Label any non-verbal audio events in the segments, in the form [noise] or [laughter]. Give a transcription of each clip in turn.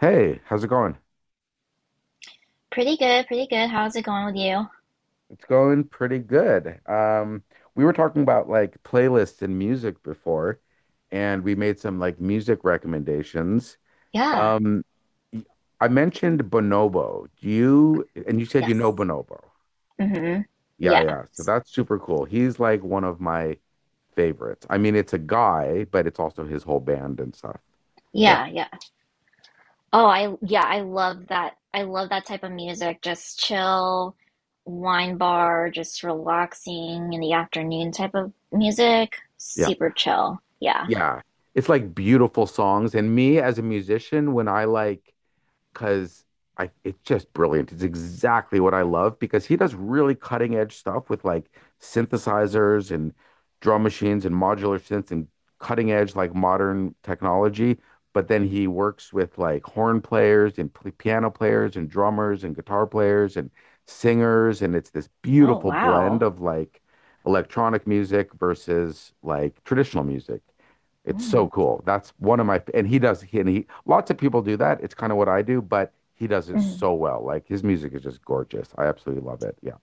Hey, how's it going? Pretty good, pretty good. How's it going with you? It's going pretty good. We were talking about like playlists and music before, and we made some like music recommendations. Yeah. Um, y- I mentioned Bonobo. And you said you know Yes. Bonobo. Mm-hmm. Yeah, Yeah. yeah. So that's super cool. He's like one of my favorites. I mean, it's a guy, but it's also his whole band and stuff. Yeah, Yeah, yeah. Oh, I yeah, I love that. I love that type of music. Just chill, wine bar, just relaxing in the afternoon type of music. yeah, Super chill. Yeah. yeah. It's like beautiful songs. And me as a musician, when I like, because I it's just brilliant. It's exactly what I love because he does really cutting edge stuff with like synthesizers and drum machines and modular synths and cutting edge like modern technology. But then he works with like horn players and p piano players and drummers and guitar players and singers. And it's this Oh, beautiful blend wow. of like electronic music versus like traditional music. It's so Mm, cool. That's one of my, and he does, he, and he, Lots of people do that. It's kind of what I do, but he does it mm. so well. Like his music is just gorgeous. I absolutely love it. Yeah.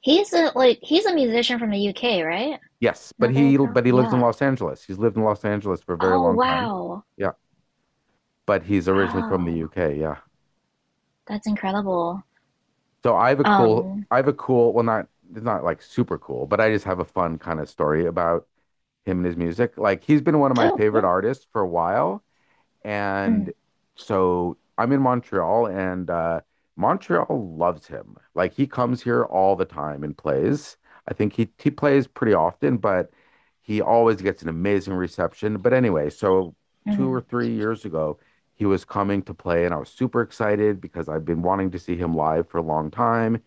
He's a musician from the UK, right? Yes, but Not that I he, crow? but he lives in Yeah. Los Angeles. He's lived in Los Angeles for a very Oh, long time. wow. Yeah, but he's originally from the Oh, UK. Yeah. that's incredible. So I have a cool, Um, I have a cool, well, not, it's not like super cool, but I just have a fun kind of story about him and his music. Like he's been one of my oh, favorite yeah. artists for a while. And Mm, so I'm in Montreal, and Montreal loves him. Like he comes here all the time and plays. I think he plays pretty often, but he always gets an amazing reception. But anyway, so two or mm. three years ago, he was coming to play, and I was super excited because I've been wanting to see him live for a long time.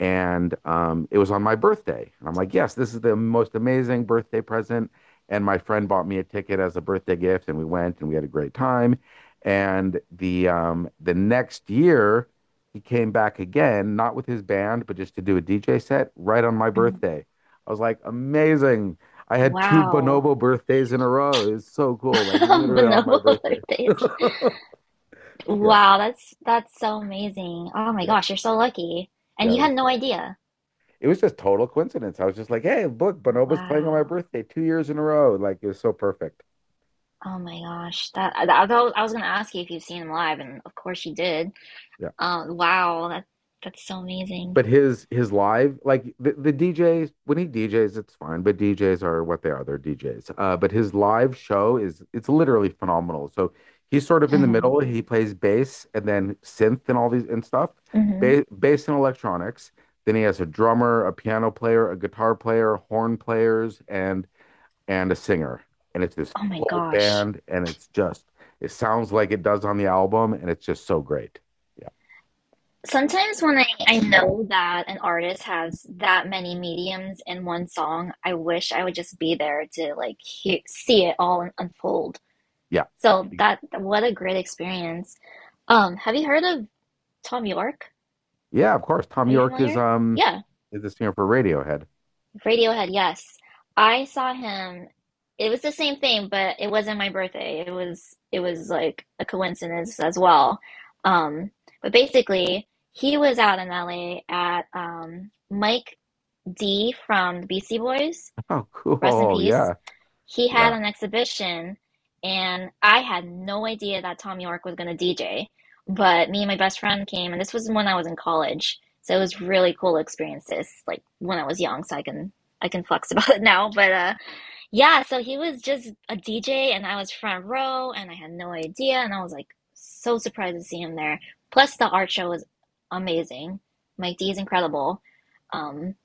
And it was on my birthday, and I'm like, yes, this is the most amazing birthday present, and my friend bought me a ticket as a birthday gift, and we went and we had a great time. And the next year he came back again, not with his band, but just to do a DJ set right on my Mhm. birthday. I was like, amazing. I had two Wow. Bonobo birthdays in a row. It was so cool, like [laughs] literally on my Bonobo birthday. [laughs] birthdays. Yeah, Wow, that's so amazing. Oh my yeah, gosh, you're so lucky. And yeah, you it had was no fun. idea. It was just total coincidence. I was just like, hey, look, Bonobo's playing on my Wow. birthday two years in a row. Like, it was so perfect. Oh my gosh. That I thought- I was gonna ask you if you've seen him live, and of course you did. Yeah. Wow, that's so amazing. But his live, like the DJs, when he DJs, it's fine, but DJs are what they are, they're DJs. But his live show is, it's literally phenomenal. So he's sort of in the Hmm. middle. He plays bass and then synth and all these and stuff, Hmm. ba bass and electronics. Then he has a drummer, a piano player, a guitar player, horn players, and a singer. And it's this Oh my full gosh. band, and it's just it sounds like it does on the album, and it's just so great. Yeah, Sometimes when I know that an artist has that many mediums in one song, I wish I would just be there to like hear, see it all unfold. yeah. So that, what a great experience. Have you heard of Tom York? Yeah, of course. Tom Are you York is familiar? um Yeah, is the singer for Radiohead. [laughs] Radiohead, yes. I saw him. It was the same thing, but it wasn't my birthday. It was like a coincidence as well. Um, but basically, he was out in LA at Mike D from the Beastie Boys, Oh, rest in cool. peace. Yeah. He had Yeah. an exhibition and I had no idea that Tom York was going to DJ. But me and my best friend came, and this was when I was in college, so it was really cool experiences. Like when I was young, so I can flex [laughs] about it now. But yeah, so he was just a DJ, and I was front row, and I had no idea, and I was like so surprised to see him there. Plus, the art show was amazing. Mike D is incredible. Um,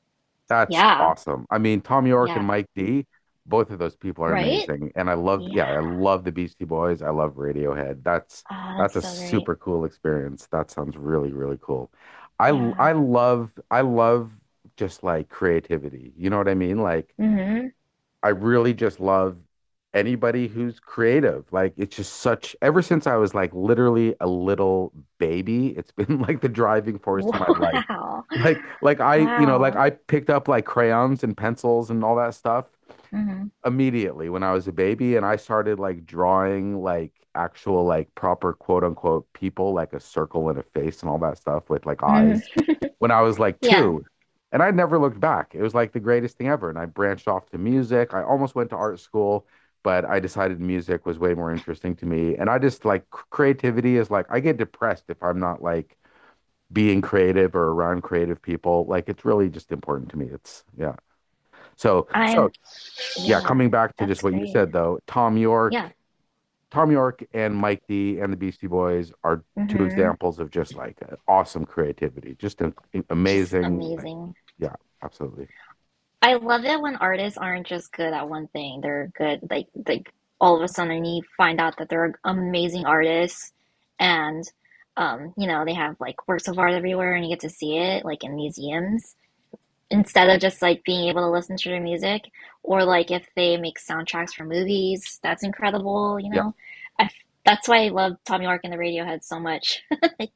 That's yeah, awesome. I mean, Tom York and yeah, Mike D, both of those people are right? amazing. And I love, Yeah. yeah, I love the Beastie Boys. I love Radiohead. Ah, That's that's a so great. super cool experience. That sounds really, really cool. Yeah. I love, I love just like creativity. You know what I mean? Like Mm-hmm. I really just love anybody who's creative. Like it's just such, ever since I was like literally a little baby, it's [laughs] been like the driving force in my [laughs] life. Wow. Like I, you know, like Wow. I picked up like crayons and pencils and all that stuff Mm-hmm. immediately when I was a baby, and I started like drawing like actual like proper quote unquote people, like a circle and a face and all that stuff with like eyes Hmm. when I was like Yeah. 2, and I never looked back. It was like the greatest thing ever, and I branched off to music. I almost went to art school, but I decided music was way more interesting to me, and I just like creativity is like I get depressed if I'm not like being creative or around creative people. Like it's really just important to me. It's yeah, so so I'm, yeah, yeah, coming back to just that's what you great. said though, Tom Yeah. York, Tom York and Mike D and the Beastie Boys are two Mm-hmm. examples of just like awesome creativity, just an, Just amazing. Like, amazing. yeah, absolutely. I love it when artists aren't just good at one thing. They're good, like all of a sudden you find out that they're amazing artists and, you know, they have like works of art everywhere and you get to see it like in museums, instead of just like being able to listen to their music, or like if they make soundtracks for movies, that's incredible, you Yeah, know. I, that's why I love Tom York and the Radiohead so much, [laughs] like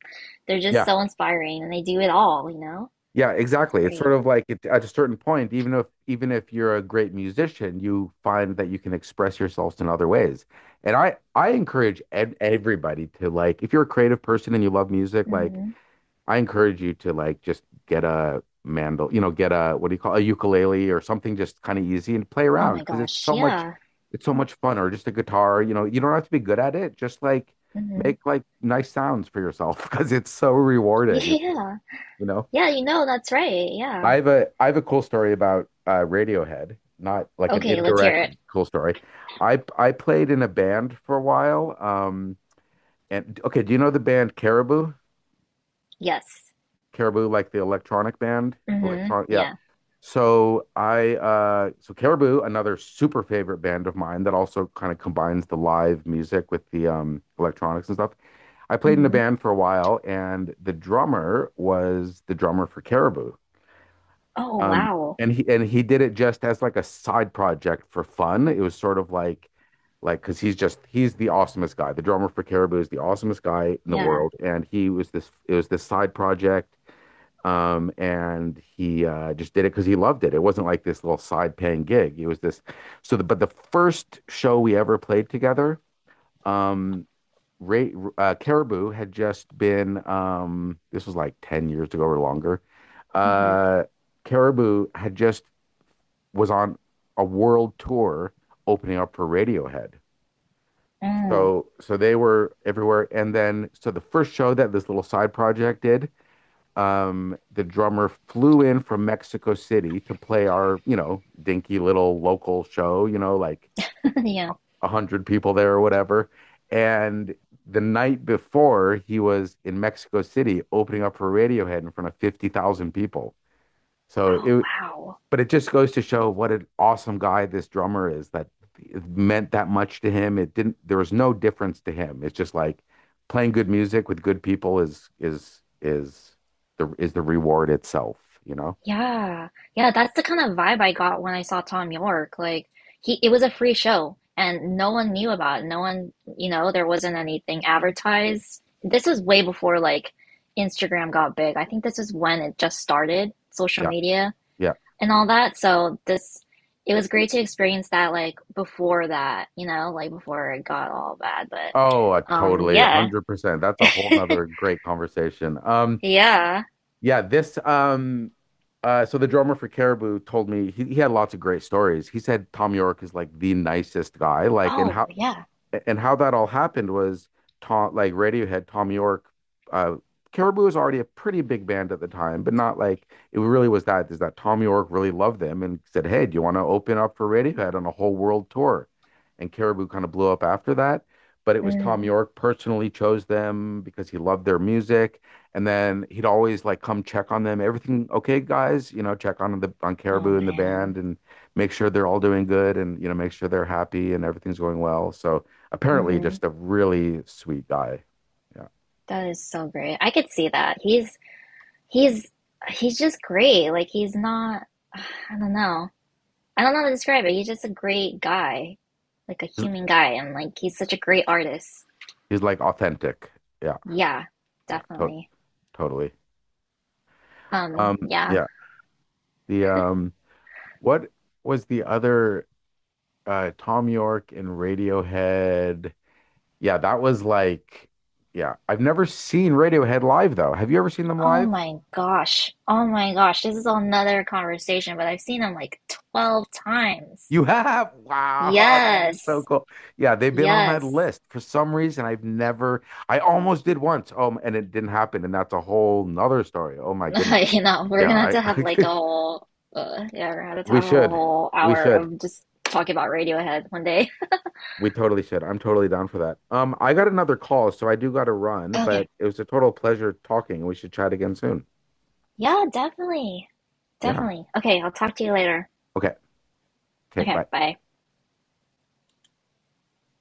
they're just yeah, so inspiring and they do it all, you know. yeah, It's exactly. It's great. sort of like it, at a certain point, even if you're a great musician, you find that you can express yourselves in other ways. And I encourage everybody to like, if you're a creative person and you love music, like Hmm. I encourage you to like just get a mandol, you know, get a what do you call a ukulele or something, just kind of easy, and play Oh around my because it's gosh, so much, yeah. it's so much fun. Or just a guitar, you know, you don't have to be good at it, just like Hmm. make like nice sounds for yourself [laughs] because it's so [laughs] rewarding. It's really, Yeah. you know. Yeah, you know, that's right. I Yeah. have a cool story about Radiohead, not like an Okay, let's hear indirect it. cool story. I played in a band for a while. And okay, do you know the band Caribou? Yes. Caribou, like the electronic band? Hmm. Yeah. Yeah. So Caribou, another super favorite band of mine that also kind of combines the live music with the electronics and stuff. I played in a Hmm. band for a while, and the drummer was the drummer for Caribou. Oh Um, wow. and he did it just as like a side project for fun. It was sort of like because he's just he's the awesomest guy. The drummer for Caribou is the awesomest guy in the Yeah. world, and he was this it was this side project. And he just did it because he loved it. It wasn't like this little side paying gig. It was this. But the first show we ever played together, um, Caribou had just been, this was like 10 years ago or longer. Hmm. Uh, Caribou had just was on a world tour opening up for Radiohead. Mm. So, so they were everywhere. And then, so the first show that this little side project did, the drummer flew in from Mexico City to play our, you know, dinky little local show, you know, like [laughs] Yeah. 100 people there or whatever. And the night before, he was in Mexico City opening up for Radiohead in front of 50,000 people. So Oh it, wow. but it just goes to show what an awesome guy this drummer is, that it meant that much to him. It didn't, there was no difference to him. It's just like playing good music with good people is is the reward itself, you know? Yeah. Yeah, that's the kind of vibe I got when I saw Tom York. Like he, it was a free show and no one knew about it. No one, you know, there wasn't anything advertised. This was way before like Instagram got big. I think this is when it just started, social Yeah. media Yeah. and all that. So this, it was great to experience that like before that, you know, like before it got all bad. But Oh, um, totally. yeah. 100%. That's a whole nother great conversation. Yeah. Yeah, this so the drummer for Caribou told me he had lots of great stories. He said Tom York is like the nicest guy, like. And Oh, how, yeah. That all happened was, Tom, like Radiohead, Tom York, uh, Caribou was already a pretty big band at the time, but not like it really was that. Is that Tom York really loved them and said, "Hey, do you want to open up for Radiohead on a whole world tour?" And Caribou kind of blew up after that. But it was Tom Mm. York personally chose them because he loved their music, and then he'd always like come check on them. Everything okay, guys? You know, check on the on Oh Caribou and the man. band and make sure they're all doing good, and you know, make sure they're happy and everything's going well. So apparently Hmm. just a really sweet guy. Yeah. That is so great. I could see that. He's he's just great. Like he's not, I don't know. I don't know how to describe it. He's just a great guy. Like a He's, human guy, and like he's such a great artist. he's like authentic. Yeah. Yeah, Yeah. Definitely. Totally. Um, Yeah. yeah. The what was the other Tom York in Radiohead? Yeah, that was like yeah. I've never seen Radiohead live though. Have you ever seen them Oh live? my gosh. Oh my gosh. This is another conversation, but I've seen him like 12 times. You have? [laughs] Wow, that is so Yes. cool. Yeah, they've been on my Yes. list for some reason. I've never, I almost did once. And it didn't happen. And that's a whole nother story. Oh my [laughs] goodness. You know, we're Yeah, gonna have to have like a I, whole, yeah, we're gonna [laughs] have to we have a should. whole We hour should. of just talking about Radiohead one day. We totally should. I'm totally down for that. I got another call, so I do got to run, [laughs] Okay. but it was a total pleasure talking. We should chat again soon. Yeah, definitely. Yeah. Definitely. Okay, I'll talk to you later. Okay. Okay. Okay, Bye. bye.